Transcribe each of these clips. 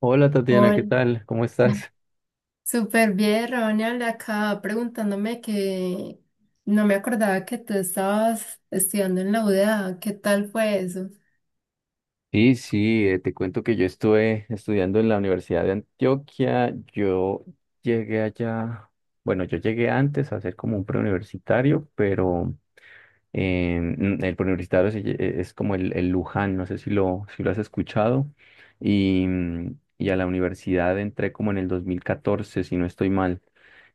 Hola Tatiana, ¿qué Hola, tal? ¿Cómo estás? súper bien, Ronald, acá preguntándome que no me acordaba que tú estabas estudiando en la UDA, ¿qué tal fue eso? Sí, sí, te cuento que yo estuve estudiando en la Universidad de Antioquia. Yo llegué allá, bueno, yo llegué antes a ser como un preuniversitario, pero el preuniversitario es como el Luján, no sé si lo has escuchado. Y a la universidad entré como en el 2014, si no estoy mal.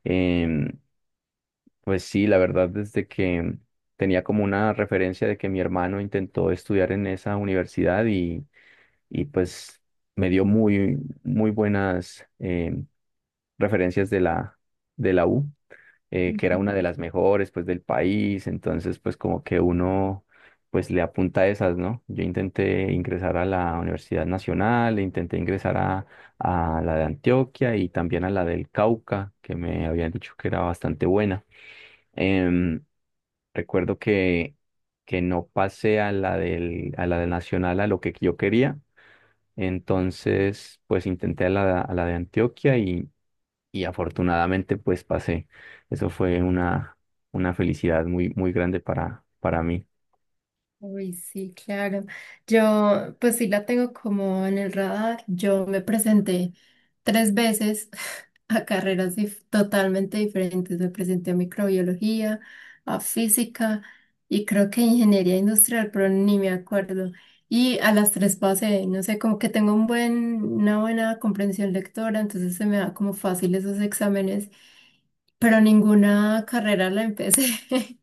Em, Pues sí, la verdad, desde que tenía como una referencia de que mi hermano intentó estudiar en esa universidad y pues me dio muy, muy buenas referencias de la U, que era Ujú. una de las mejores pues del país, entonces pues como que uno pues le apunta a esas, ¿no? Yo intenté ingresar a la Universidad Nacional, intenté ingresar a la de Antioquia y también a la del Cauca, que me habían dicho que era bastante buena. Em, Recuerdo que no pasé a la del Nacional a lo que yo quería. Entonces, pues intenté a la de Antioquia, y afortunadamente pues pasé. Eso fue una felicidad muy, muy grande para mí. Uy, sí, claro. Yo, pues sí la tengo como en el radar. Yo me presenté tres veces a totalmente diferentes. Me presenté a microbiología, a física y creo que ingeniería industrial, pero ni me acuerdo. Y a las tres pasé, no sé, como que tengo un buen, una buena comprensión lectora, entonces se me da como fácil esos exámenes, pero ninguna carrera la empecé.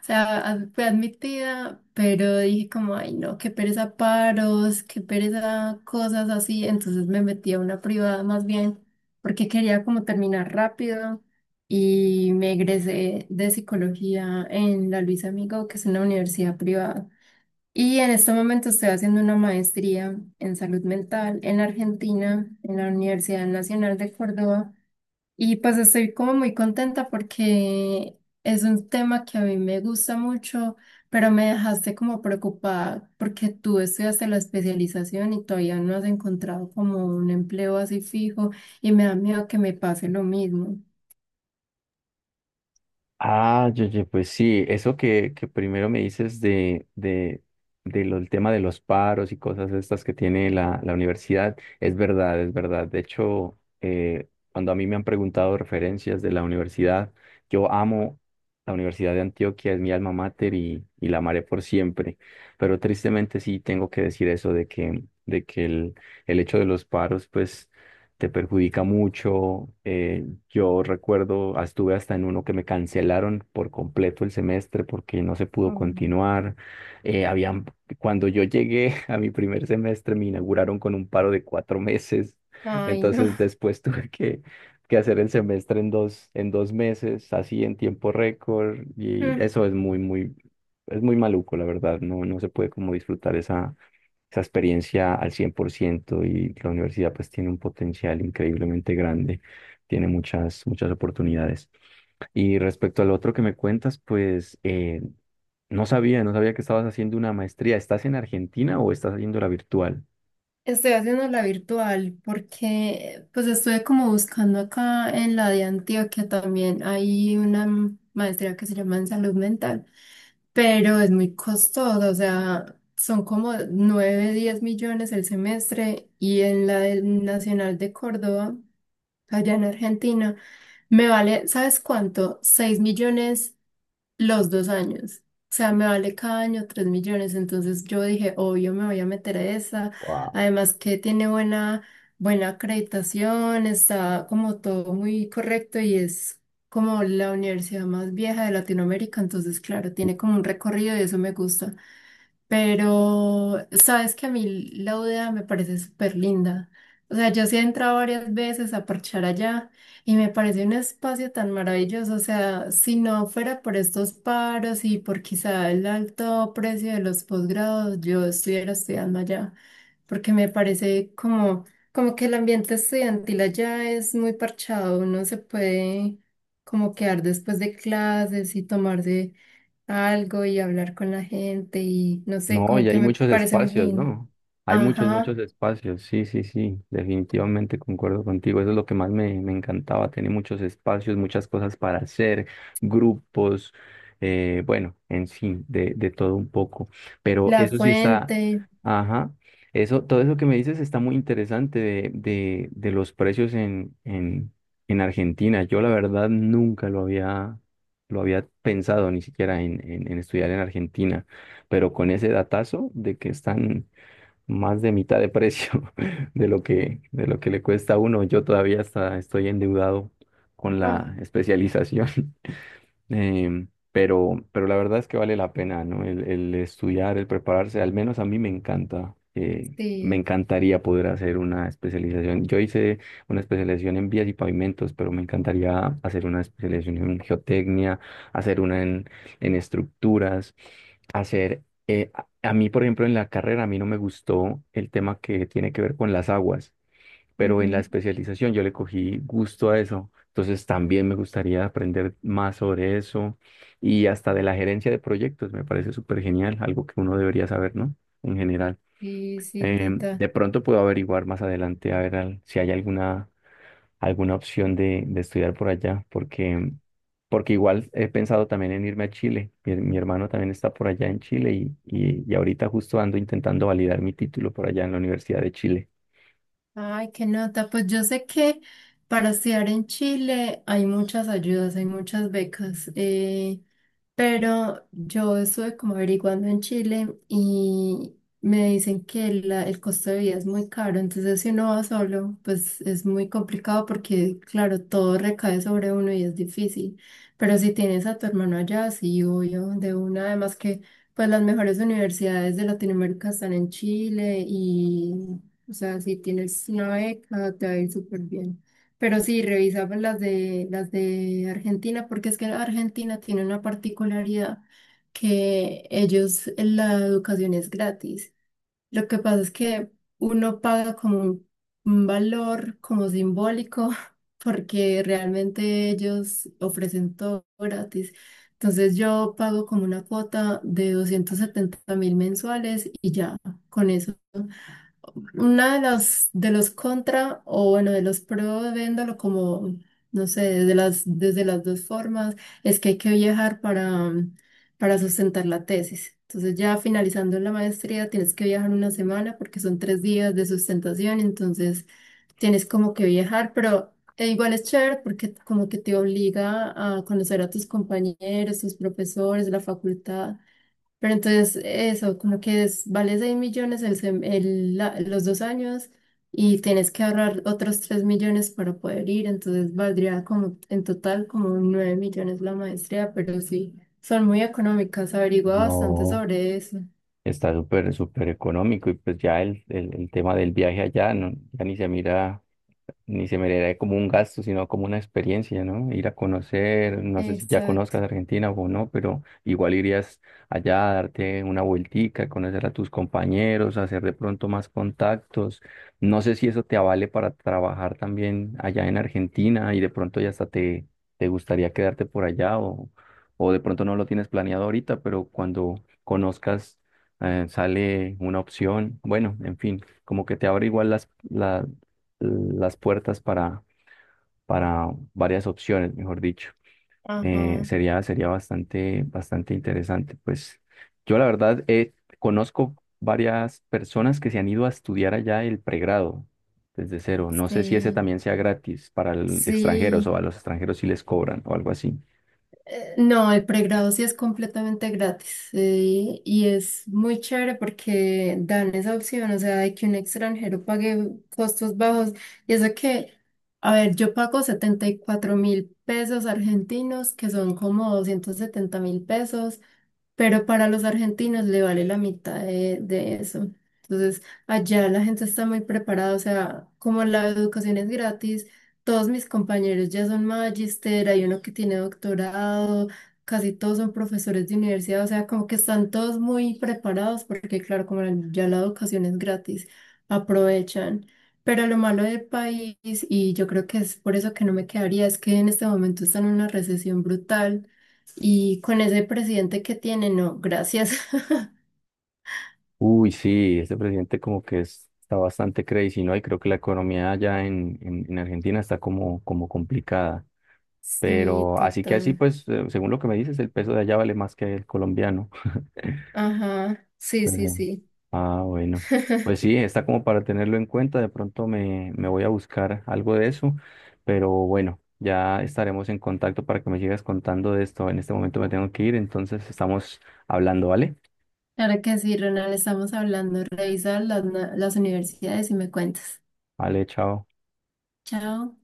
O sea, fue admitida, pero dije como, ay no, qué pereza paros, qué pereza cosas así. Entonces me metí a una privada más bien, porque quería como terminar rápido y me egresé de psicología en la Luis Amigo, que es una universidad privada. Y en este momento estoy haciendo una maestría en salud mental en Argentina, en la Universidad Nacional de Córdoba. Y pues estoy como muy contenta porque es un tema que a mí me gusta mucho, pero me dejaste como preocupada porque tú estudiaste la especialización y todavía no has encontrado como un empleo así fijo y me da miedo que me pase lo mismo. Ah, yo, pues sí, eso que primero me dices de el tema de los paros y cosas estas que tiene la universidad, es verdad, es verdad. De hecho, cuando a mí me han preguntado referencias de la universidad, yo amo la Universidad de Antioquia, es mi alma mater y la amaré por siempre. Pero tristemente sí tengo que decir eso de que el hecho de los paros, pues te perjudica mucho. Yo recuerdo, ah, estuve hasta en uno que me cancelaron por completo el semestre porque no se pudo Mm. continuar. Eh, habían, Cuando yo llegué a mi primer semestre, me inauguraron con un paro de 4 meses. Ay, no. Entonces después tuve que hacer el semestre en dos meses, así en tiempo récord. Y eso es muy, muy, es muy maluco, la verdad. No, no se puede como disfrutar esa esa experiencia al 100% y la universidad pues tiene un potencial increíblemente grande, tiene muchas, muchas oportunidades. Y respecto al otro que me cuentas, pues no sabía, no sabía que estabas haciendo una maestría. ¿Estás en Argentina o estás haciendo la virtual? Estoy haciendo la virtual porque pues estuve como buscando acá en la de Antioquia también hay una maestría que se llama en salud mental, pero es muy costosa, o sea, son como 9, 10 millones el semestre y en la del Nacional de Córdoba, allá en Argentina, me vale, ¿sabes cuánto? 6 millones los 2 años. O sea, me vale cada año 3 millones. Entonces yo dije, obvio, me voy a meter a esa. Además que tiene buena, buena acreditación, está como todo muy correcto y es como la universidad más vieja de Latinoamérica. Entonces, claro, tiene como un recorrido y eso me gusta. Pero sabes que a mí la UDA me parece súper linda. O sea, yo sí he entrado varias veces a parchar allá y me parece un espacio tan maravilloso. O sea, si no fuera por estos paros y por quizá el alto precio de los posgrados, yo estuviera estudiando allá, porque me parece como, como que el ambiente estudiantil allá es muy parchado. Uno se puede como quedar después de clases y tomarse algo y hablar con la gente y no sé, No, y como que hay me muchos parece muy espacios, lindo. ¿no? Hay muchos, Ajá, muchos espacios. Sí, sí, sí. Definitivamente concuerdo contigo. Eso es lo que más me encantaba. Tiene muchos espacios, muchas cosas para hacer, grupos, bueno, en sí, de todo un poco. Pero la eso sí está, fuente. ajá. Eso, todo eso que me dices está muy interesante de los precios en Argentina. Yo la verdad nunca lo había, lo había pensado ni siquiera en estudiar en Argentina pero con ese datazo de que están más de mitad de precio de lo que le cuesta a uno, yo todavía hasta estoy endeudado con Ah, la especialización. Pero la verdad es que vale la pena, ¿no? El estudiar, el prepararse, al menos a mí me encanta. Me sí. encantaría poder hacer una especialización. Yo hice una especialización en vías y pavimentos, pero me encantaría hacer una especialización en geotecnia, hacer una en estructuras, hacer... a mí, por ejemplo, en la carrera, a mí no me gustó el tema que tiene que ver con las aguas pero en la Ujú. especialización yo le cogí gusto a eso. Entonces también me gustaría aprender más sobre eso y hasta de la gerencia de proyectos, me parece súper genial, algo que uno debería saber, ¿no? En general. Sí, sí, total. De pronto puedo averiguar más adelante a ver si hay alguna, alguna opción de estudiar por allá, porque igual he pensado también en irme a Chile. Mi hermano también está por allá en Chile y ahorita justo ando intentando validar mi título por allá en la Universidad de Chile. Ay, qué nota. Pues yo sé que para estudiar en Chile hay muchas ayudas, hay muchas becas, pero yo estuve como averiguando en Chile y me dicen que el costo de vida es muy caro. Entonces, si uno va solo, pues es muy complicado porque, claro, todo recae sobre uno y es difícil. Pero si tienes a tu hermano allá, sí, obvio, de una, además que... Pues las mejores universidades de Latinoamérica están en Chile y, o sea, si tienes una beca, te va a ir súper bien. Pero sí, revisa pues, las de Argentina, porque es que Argentina tiene una particularidad que ellos, la educación es gratis. Lo que pasa es que uno paga como un valor como simbólico, porque realmente ellos ofrecen todo gratis. Entonces yo pago como una cuota de 270.000 mensuales y ya, con eso. Una de las de los contra o bueno, de los pro, viéndolo como, no sé, desde las dos formas, es que hay que viajar para sustentar la tesis. Entonces ya finalizando la maestría tienes que viajar una semana porque son 3 días de sustentación, entonces tienes como que viajar, pero e igual es chévere porque como que te obliga a conocer a tus compañeros, tus profesores, la facultad. Pero entonces eso, como que vale 6 millones el sem- el la- los 2 años y tienes que ahorrar otros 3 millones para poder ir, entonces valdría como en total como 9 millones la maestría, pero sí, son muy económicas, averigua bastante No. sobre eso. Está súper, súper económico y pues ya el tema del viaje allá no, ya ni se mira ni se miraría como un gasto, sino como una experiencia, ¿no? Ir a conocer, no sé si ya Exacto. conozcas Argentina o no, pero igual irías allá a darte una vueltica, conocer a tus compañeros, hacer de pronto más contactos. No sé si eso te avale para trabajar también allá en Argentina y de pronto ya hasta te gustaría quedarte por allá o de pronto no lo tienes planeado ahorita, pero cuando conozcas sale una opción. Bueno, en fin, como que te abre igual las puertas para varias opciones, mejor dicho. Ajá, Sería, sería bastante, bastante interesante. Pues yo la verdad conozco varias personas que se han ido a estudiar allá el pregrado desde cero. No sé si ese sí, también sea gratis para extranjeros o a sí. los extranjeros si les cobran o algo así. No, El pregrado sí es completamente gratis, y es muy chévere porque dan esa opción, o sea, de que un extranjero pague costos bajos. Y eso que, a ver, yo pago 74 mil pesos argentinos, que son como 270 mil pesos, pero para los argentinos le vale la mitad de eso. Entonces, allá la gente está muy preparada, o sea, como la educación es gratis. Todos mis compañeros ya son magister, hay uno que tiene doctorado, casi todos son profesores de universidad, o sea, como que están todos muy preparados porque, claro, como ya la educación es gratis, aprovechan. Pero lo malo del país, y yo creo que es por eso que no me quedaría, es que en este momento está en una recesión brutal y con ese presidente que tiene, no, gracias. Uy, sí, este presidente como que está bastante crazy, ¿no? Y creo que la economía allá en Argentina está como, como complicada. Sí, Pero así que así, total. pues, según lo que me dices, el peso de allá vale más que el colombiano. Ajá, sí, sí, Pero- sí. Ah, bueno. Pues sí, está como para tenerlo en cuenta. De pronto me voy a buscar algo de eso. Pero bueno, ya estaremos en contacto para que me sigas contando de esto. En este momento me tengo que ir, entonces estamos hablando, ¿vale? Claro que sí, Ronald, estamos hablando. Revisa las universidades y me cuentas. Vale, chao. Chao.